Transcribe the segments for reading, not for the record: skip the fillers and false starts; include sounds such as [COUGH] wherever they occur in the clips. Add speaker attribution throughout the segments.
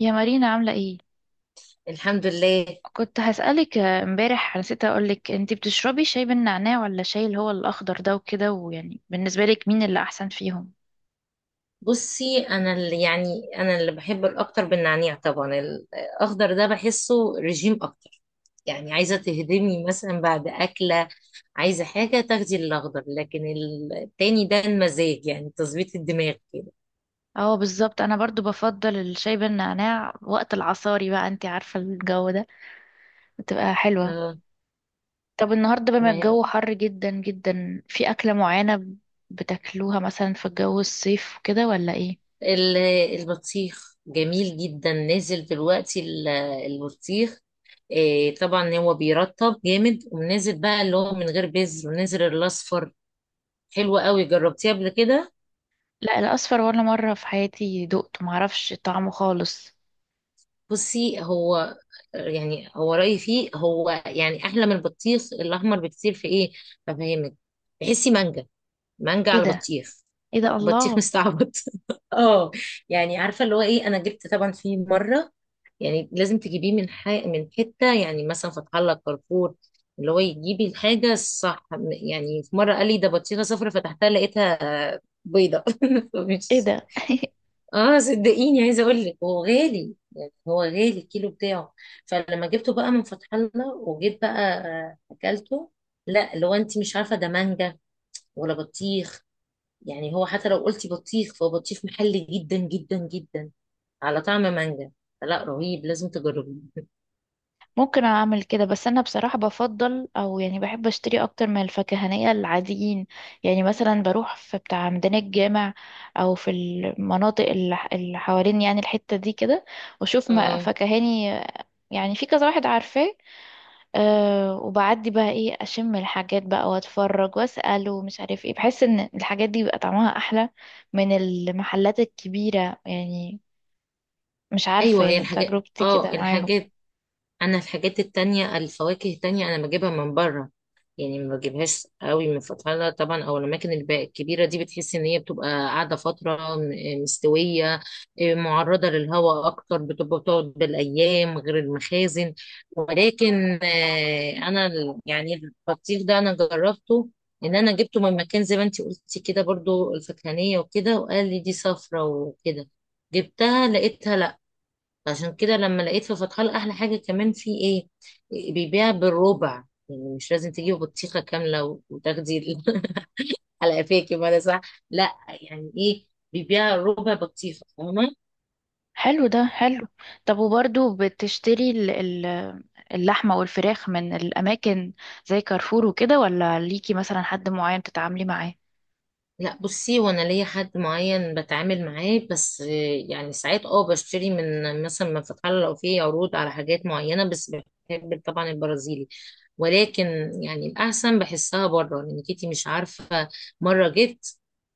Speaker 1: يا مارينا عاملة ايه؟
Speaker 2: الحمد لله.
Speaker 1: كنت هسألك امبارح نسيت اقولك انتي بتشربي شاي بالنعناع ولا شاي اللي هو الأخضر ده وكده ويعني بالنسبة لك مين اللي أحسن فيهم؟
Speaker 2: بصي، انا اللي بحب الاكتر بالنعناع، طبعا الاخضر ده بحسه رجيم اكتر. يعني عايزه تهدمي مثلا بعد اكله، عايزه حاجه تاخدي الاخضر، لكن التاني ده المزاج، يعني تظبيط الدماغ كده.
Speaker 1: اه بالظبط انا برضو بفضل الشاي بالنعناع وقت العصاري بقى، انتي عارفة الجو ده بتبقى حلوة.
Speaker 2: اه.
Speaker 1: طب النهاردة بما
Speaker 2: ما هي
Speaker 1: الجو حر جدا جدا، في أكلة معينة بتاكلوها مثلا في الجو الصيف وكده ولا ايه؟
Speaker 2: ال- البطيخ جميل جدا، نازل دلوقتي البطيخ. إيه، طبعا هو بيرطب جامد، ونازل بقى اللي هو من غير بذر، ونازل الاصفر. حلو قوي، جربتيه قبل كده؟
Speaker 1: لا، الأصفر ولا مرة في حياتي دقته، معرفش طعمه خالص.
Speaker 2: بصي، هو يعني، هو رأيي فيه، هو يعني أحلى من البطيخ الأحمر بكتير في إيه، بفهمك. تحسي مانجا، مانجا
Speaker 1: ايه
Speaker 2: على
Speaker 1: ده؟
Speaker 2: بطيخ،
Speaker 1: ايه ده
Speaker 2: بطيخ
Speaker 1: الله؟
Speaker 2: مستعبط. [LAUGHS] اه. يعني عارفة اللي هو إيه، أنا جبت طبعا فيه مرة، يعني لازم تجيبيه من من حتة، يعني مثلا فتح الله، كارفور، اللي هو يجيبي الحاجة الصح. يعني في مرة قال لي ده بطيخة صفرا، فتحتها لقيتها بيضة.
Speaker 1: ايه ده؟
Speaker 2: [LAUGHS]
Speaker 1: [LAUGHS]
Speaker 2: اه، صدقيني، عايزه اقول لك هو غالي، يعني هو غالي الكيلو بتاعه. فلما جبته بقى من فتح الله وجيت بقى، اكلته. لا، لو انت مش عارفه ده مانجا ولا بطيخ، يعني هو حتى لو قلتي بطيخ فهو بطيخ محلي جدا جدا جدا على طعم مانجا. لا، رهيب، لازم تجربيه.
Speaker 1: ممكن اعمل كده، بس انا بصراحة بفضل او يعني بحب اشتري اكتر من الفكهانية العاديين. يعني مثلا بروح في بتاع ميدان الجامع او في المناطق اللي اللي حوالين يعني الحتة دي كده، واشوف
Speaker 2: اه،
Speaker 1: فكهاني، يعني في كذا واحد عارفاه. أه وبعدي بقى ايه، اشم الحاجات بقى واتفرج واسأل ومش عارف ايه، بحس ان الحاجات دي بيبقى طعمها احلى من المحلات الكبيرة. يعني مش عارفة،
Speaker 2: ايوه هي
Speaker 1: يعني
Speaker 2: الحاجات،
Speaker 1: تجربتي
Speaker 2: اه
Speaker 1: كده معاهم.
Speaker 2: الحاجات انا الحاجات التانية، الفواكه التانية، انا بجيبها من بره. يعني ما بجيبهاش قوي من فتحة طبعا، او الاماكن الكبيره دي، بتحس ان هي بتبقى قاعده فتره مستويه، إيه، معرضه للهواء اكتر، بتبقى بتقعد بالايام، غير المخازن. ولكن انا يعني البطيخ ده انا جربته، ان انا جبته من مكان زي ما انتي قلتي كده برضو، الفكهانيه وكده، وقال لي دي صفرة وكده، جبتها لقيتها. عشان كده لما لقيت في فتح الله، احلى حاجه كمان في ايه، بيبيع بالربع. يعني مش لازم تجيب بطيخه كامله وتاخدي [LAUGHS] على قفاكي، ما ده صح. لا، يعني ايه، بيبيع ربع بطيخه، فاهمه.
Speaker 1: حلو ده، حلو. طب وبرضو بتشتري اللحمة والفراخ من الأماكن زي كارفور وكده، ولا ليكي مثلا حد معين تتعاملي معاه؟
Speaker 2: لا بصي، وانا ليا حد معين بتعامل معاه، بس يعني ساعات اه بشتري من مثلا من فتح الله لو في عروض على حاجات معينه بس. بحب طبعا البرازيلي، ولكن يعني الاحسن بحسها بره، لانك انتي مش عارفه. مره جيت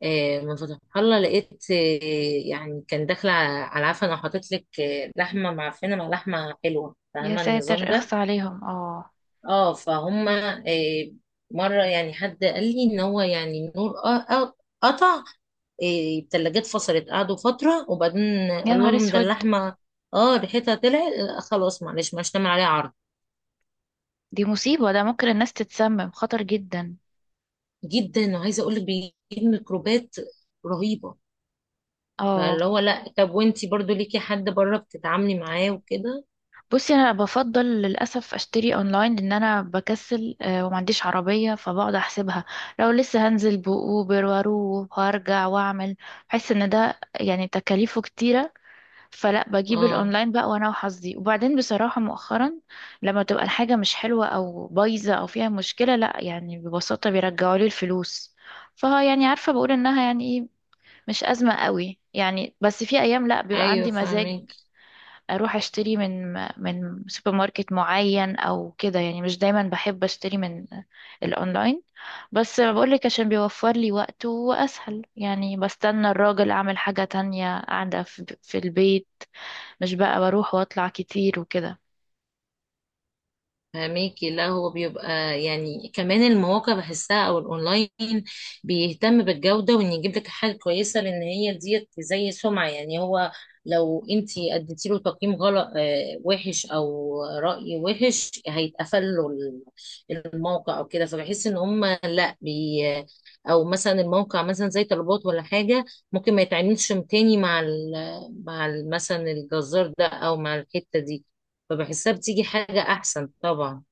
Speaker 2: من فتح الله، لقيت يعني كان داخله على عفن، انا حاطط لك لحمه معفنه مع لحمه حلوه،
Speaker 1: يا
Speaker 2: فاهمه النظام
Speaker 1: ساتر،
Speaker 2: ده.
Speaker 1: اخص عليهم. اه.
Speaker 2: اه فهم. مره يعني حد قال لي ان هو يعني نور قطع. إيه، التلاجات فصلت، قعدوا فترة، وبعدين
Speaker 1: يا
Speaker 2: قالوا
Speaker 1: نهار
Speaker 2: لهم ده
Speaker 1: اسود،
Speaker 2: اللحمة اه ريحتها طلعت، خلاص معلش مش هنعمل عليها عرض.
Speaker 1: دي مصيبة، ده ممكن الناس تتسمم، خطر جدا.
Speaker 2: جدا، وعايزة اقول لك بيجيب ميكروبات رهيبة.
Speaker 1: اه.
Speaker 2: فاللي هو، لا، طب وانتي برضو ليكي حد بره بتتعاملي معاه وكده؟
Speaker 1: بصي انا بفضل للاسف اشتري اونلاين، لان انا بكسل وما عنديش عربيه، فبقعد احسبها لو لسه هنزل باوبر واروح وارجع واعمل، بحس ان ده يعني تكاليفه كتيره. فلا، بجيب
Speaker 2: اه،
Speaker 1: الاونلاين بقى وانا وحظي. وبعدين بصراحة مؤخرا لما تبقى الحاجة مش حلوة او بايظة او فيها مشكلة، لا يعني ببساطة بيرجعوا لي الفلوس. فها يعني عارفة، بقول انها يعني ايه، مش ازمة قوي يعني. بس في ايام لا بيبقى
Speaker 2: ايوه
Speaker 1: عندي مزاج
Speaker 2: فاهمك.
Speaker 1: اروح اشتري من سوبر ماركت معين او كده. يعني مش دايما بحب اشتري من الاونلاين، بس بقولك عشان بيوفر لي وقت واسهل، يعني بستنى الراجل اعمل حاجة تانية قاعدة في البيت، مش بقى بروح واطلع كتير وكده.
Speaker 2: فهميكي. لا، هو بيبقى يعني كمان المواقع بحسها او الاونلاين بيهتم بالجودة، وان يجيب لك حاجة كويسة، لان هي ديت زي سمعة. يعني هو لو انت اديتي له تقييم غلط، وحش او رأي وحش، هيتقفل له الموقع او كده. فبحس ان هم لا او مثلا الموقع مثلا زي طلبات ولا حاجة، ممكن ما يتعاملش تاني مع مثلا الجزار ده، او مع الحتة دي. فبحسها بتيجي حاجة احسن طبعا.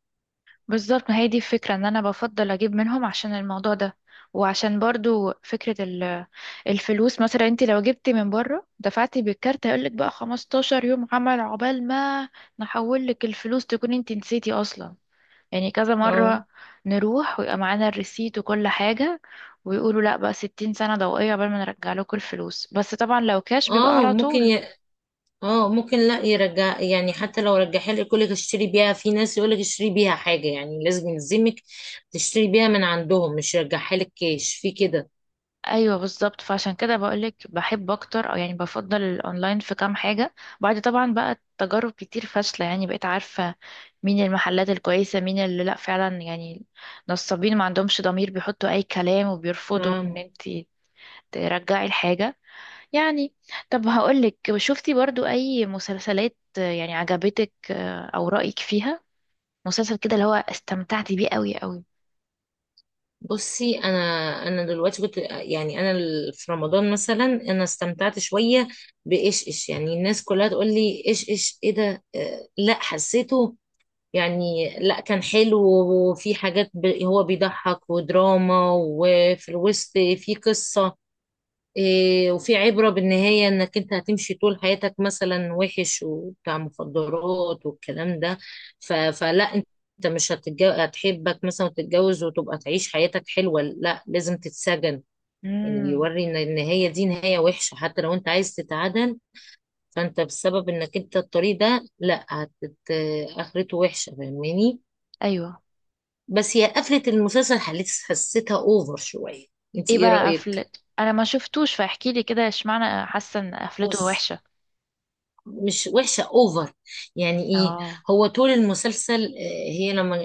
Speaker 1: بالظبط، ما هي دي الفكرة، ان انا بفضل اجيب منهم عشان الموضوع ده، وعشان برضو فكرة الفلوس. مثلا انت لو جبتي من بره دفعتي بالكارت، هيقولك بقى 15 يوم عمل عقبال ما نحول لك الفلوس، تكون انت نسيتي اصلا. يعني كذا
Speaker 2: اه.
Speaker 1: مرة نروح ويبقى معانا الريسيت وكل حاجة، ويقولوا لا بقى 60 سنة ضوئية عقبال ما نرجع لكم الفلوس. بس طبعا لو كاش بيبقى
Speaker 2: اه
Speaker 1: على
Speaker 2: ممكن
Speaker 1: طول.
Speaker 2: ي... اه ممكن لا يرجع، يعني حتى لو رجعها لك يقول لك اشتري بيها، في ناس يقول لك اشتري بيها حاجه، يعني لازم يلزمك تشتري بيها من عندهم، مش يرجعها لك كاش. في كده،
Speaker 1: ايوه بالظبط، فعشان كده بقولك بحب اكتر او يعني بفضل الاونلاين في كام حاجه، بعد طبعا بقى تجارب كتير فاشله يعني، بقيت عارفه مين المحلات الكويسه، مين اللي لا فعلا يعني نصابين ما عندهمش ضمير، بيحطوا اي كلام وبيرفضوا ان
Speaker 2: فاهم؟
Speaker 1: انت ترجعي الحاجه. يعني طب هقولك، شفتي برضو اي مسلسلات يعني عجبتك او رايك فيها؟ مسلسل كده اللي هو استمتعتي بيه قوي قوي؟
Speaker 2: بصي، انا دلوقتي كنت، يعني انا في رمضان مثلا انا استمتعت شويه بايش ايش. يعني الناس كلها تقول لي ايش ايش ايه ده، لا حسيته يعني، لا كان حلو. وفي حاجات هو بيضحك ودراما، وفي الوسط في قصه، إيه، وفي عبرة بالنهاية انك انت هتمشي طول حياتك مثلا وحش وبتاع مخدرات والكلام ده، فلا انت مش هتتجو... هتحبك مثلا وتتجوز وتبقى تعيش حياتك حلوة، لا لازم تتسجن. يعني
Speaker 1: امم
Speaker 2: بيوري ان النهاية دي نهاية وحشة حتى لو انت عايز تتعدل، فانت بسبب انك انت الطريق ده، لا اخرته وحشة، فاهماني.
Speaker 1: ايوه.
Speaker 2: بس هي قفلة المسلسل حسيتها اوفر شوية، انت
Speaker 1: ايه
Speaker 2: ايه
Speaker 1: بقى
Speaker 2: رأيك؟
Speaker 1: قفلت؟ انا ما شفتوش، فاحكي لي كده اشمعنى حاسه ان قفلته
Speaker 2: بص،
Speaker 1: وحشه.
Speaker 2: مش وحشة، اوفر. يعني ايه؟
Speaker 1: اه.
Speaker 2: هو طول المسلسل، هي لما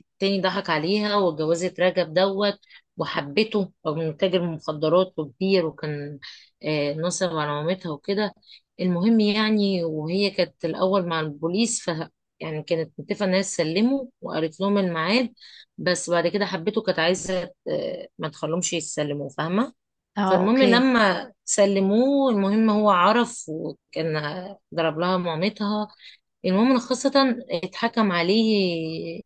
Speaker 2: التاني ضحك عليها واتجوزت رجب دوت، وحبته رغم انه تاجر مخدرات وكبير، وكان نصب على مامتها وكده. المهم يعني، وهي كانت الأول مع البوليس، ف يعني كانت متفقة إنها تسلمه، وقالت لهم الميعاد. بس بعد كده حبته، كانت عايزة ما تخلهمش يتسلموا، فاهمة؟
Speaker 1: اه
Speaker 2: فالمهم
Speaker 1: اوكي.
Speaker 2: لما سلموه، المهم هو عرف، وكان ضرب لها مامتها. المهم خاصة، اتحكم عليه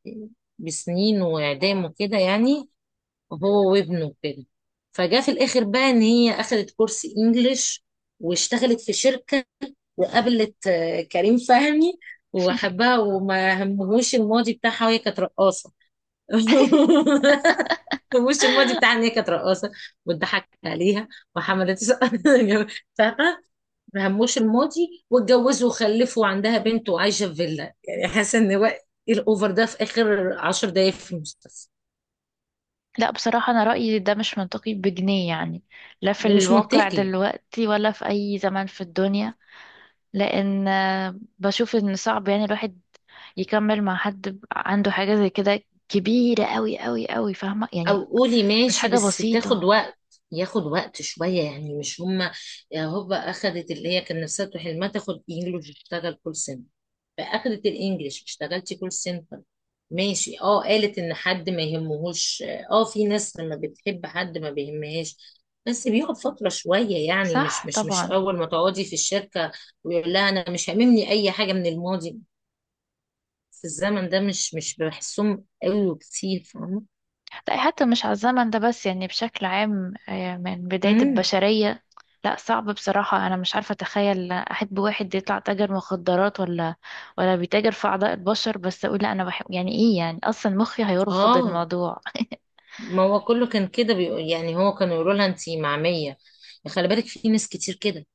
Speaker 2: بسنين وإعدام وكده، يعني هو وابنه كده. فجاء في الآخر بقى إن هي أخدت كورس إنجليش، واشتغلت في شركة، وقابلت كريم فهمي، وحبها وما همهوش الماضي بتاعها، وهي كانت رقاصة. [LAUGHS] وش الماضي بتاعها
Speaker 1: [LAUGHS]
Speaker 2: ان هي كانت رقاصه، واتضحك عليها، وحملت [LAUGHS] فاهمه، هموش الماضي، [LAUGHS] واتجوزوا وخلفوا وعندها بنت، وعايشه في فيلا. يعني حاسه ان هو ايه، الاوفر ده في اخر 10 دقايق في المسلسل.
Speaker 1: لا بصراحه انا رايي ده مش منطقي بجنيه يعني. لا في
Speaker 2: ده مش
Speaker 1: الواقع
Speaker 2: منطقي،
Speaker 1: دلوقتي ولا في اي زمان في الدنيا. لان بشوف ان صعب يعني الواحد يكمل مع حد عنده حاجه زي كده كبيره قوي قوي قوي، فاهمه
Speaker 2: او
Speaker 1: يعني؟
Speaker 2: قولي
Speaker 1: مش
Speaker 2: ماشي
Speaker 1: حاجه
Speaker 2: بس تاخد
Speaker 1: بسيطه.
Speaker 2: وقت، ياخد وقت شوية. يعني مش هما هوبا اخدت اللي هي كان نفسها تروح حلمها، تاخد انجلش تشتغل كول سنتر، فاخدت الانجليش، اشتغلتي كول سنتر، ماشي، اه، قالت ان حد ما يهمهوش. اه، في ناس لما بتحب حد ما بيهمهاش، بس بيقعد فترة شوية، يعني مش
Speaker 1: صح
Speaker 2: مش مش
Speaker 1: طبعا.
Speaker 2: أول ما تقعدي في الشركة ويقول لها أنا مش هاممني أي حاجة من الماضي. في الزمن ده مش بحسهم قوي وكتير، فاهمة؟
Speaker 1: لا حتى مش على الزمن ده بس، يعني بشكل عام من بداية
Speaker 2: امم.
Speaker 1: البشرية. لا صعب بصراحة، أنا مش عارفة أتخيل أحب واحد يطلع تاجر مخدرات ولا ولا بيتاجر في أعضاء البشر بس أقول لا أنا بحب، يعني إيه يعني؟ أصلا مخي هيرفض
Speaker 2: اه،
Speaker 1: الموضوع. [LAUGHS]
Speaker 2: ما هو كله كان كده بيقول، يعني هو كانوا يقولوا لها انتي معمية، يعني خلي بالك في ناس كتير كده.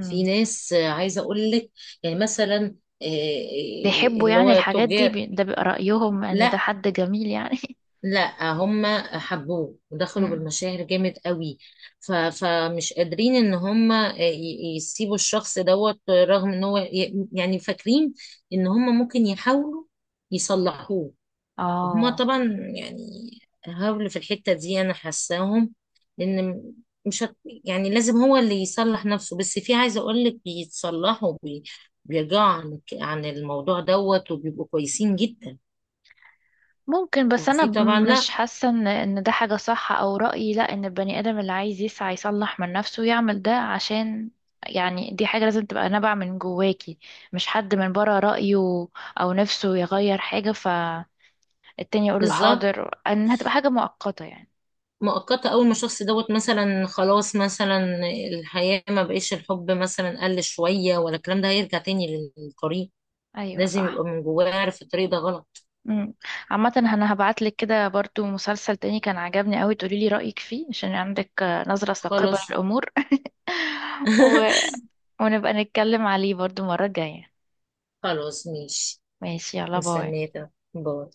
Speaker 2: في ناس عايزة اقول لك، يعني مثلا
Speaker 1: بيحبوا
Speaker 2: اللي
Speaker 1: يعني
Speaker 2: هو
Speaker 1: الحاجات دي،
Speaker 2: تجار.
Speaker 1: ده بيبقى رأيهم إن ده
Speaker 2: لا
Speaker 1: حد جميل يعني.
Speaker 2: لا، هم حبوه
Speaker 1: [LAUGHS]
Speaker 2: ودخلوا
Speaker 1: مم.
Speaker 2: بالمشاعر جامد قوي. فمش قادرين ان هم، يسيبوا الشخص دوت، رغم ان هو يعني فاكرين ان هم ممكن يحاولوا يصلحوه. هما
Speaker 1: آه.
Speaker 2: طبعا يعني هاولوا في الحتة دي، أنا حاساهم. لأن مش هت... يعني لازم هو اللي يصلح نفسه. بس في عايزة أقول لك، بيتصلحوا بيرجعوا عن الموضوع دوت، وبيبقوا كويسين جدا.
Speaker 1: ممكن، بس انا
Speaker 2: وفي طبعا،
Speaker 1: مش
Speaker 2: لا.
Speaker 1: حاسه ان ان ده حاجه صح. او رايي لا، ان البني ادم اللي عايز يسعى يصلح من نفسه يعمل ده عشان، يعني دي حاجه لازم تبقى نابعه من جواكي، مش حد من بره رايه او نفسه يغير حاجه فالتاني يقول له
Speaker 2: بالظبط.
Speaker 1: حاضر، ان هتبقى حاجه مؤقته يعني.
Speaker 2: مؤقتة، أول ما الشخص دوت مثلا خلاص مثلا الحياة ما بقيش، الحب مثلا قل شوية ولا الكلام ده، هيرجع تاني للطريق.
Speaker 1: ايوه
Speaker 2: لازم يبقى
Speaker 1: صح.
Speaker 2: من جواه عارف الطريق ده غلط.
Speaker 1: امم. عامه انا هبعت لك كده برضو مسلسل تاني كان عجبني قوي، تقولي لي رايك فيه عشان عندك نظره ثاقبه
Speaker 2: خلاص.
Speaker 1: للامور. [LAUGHS] و...
Speaker 2: [LAUGHS]
Speaker 1: ونبقى نتكلم عليه برضو مره جايه.
Speaker 2: خلاص ماشي.
Speaker 1: ماشي، يلا باي.
Speaker 2: مستنية، باي.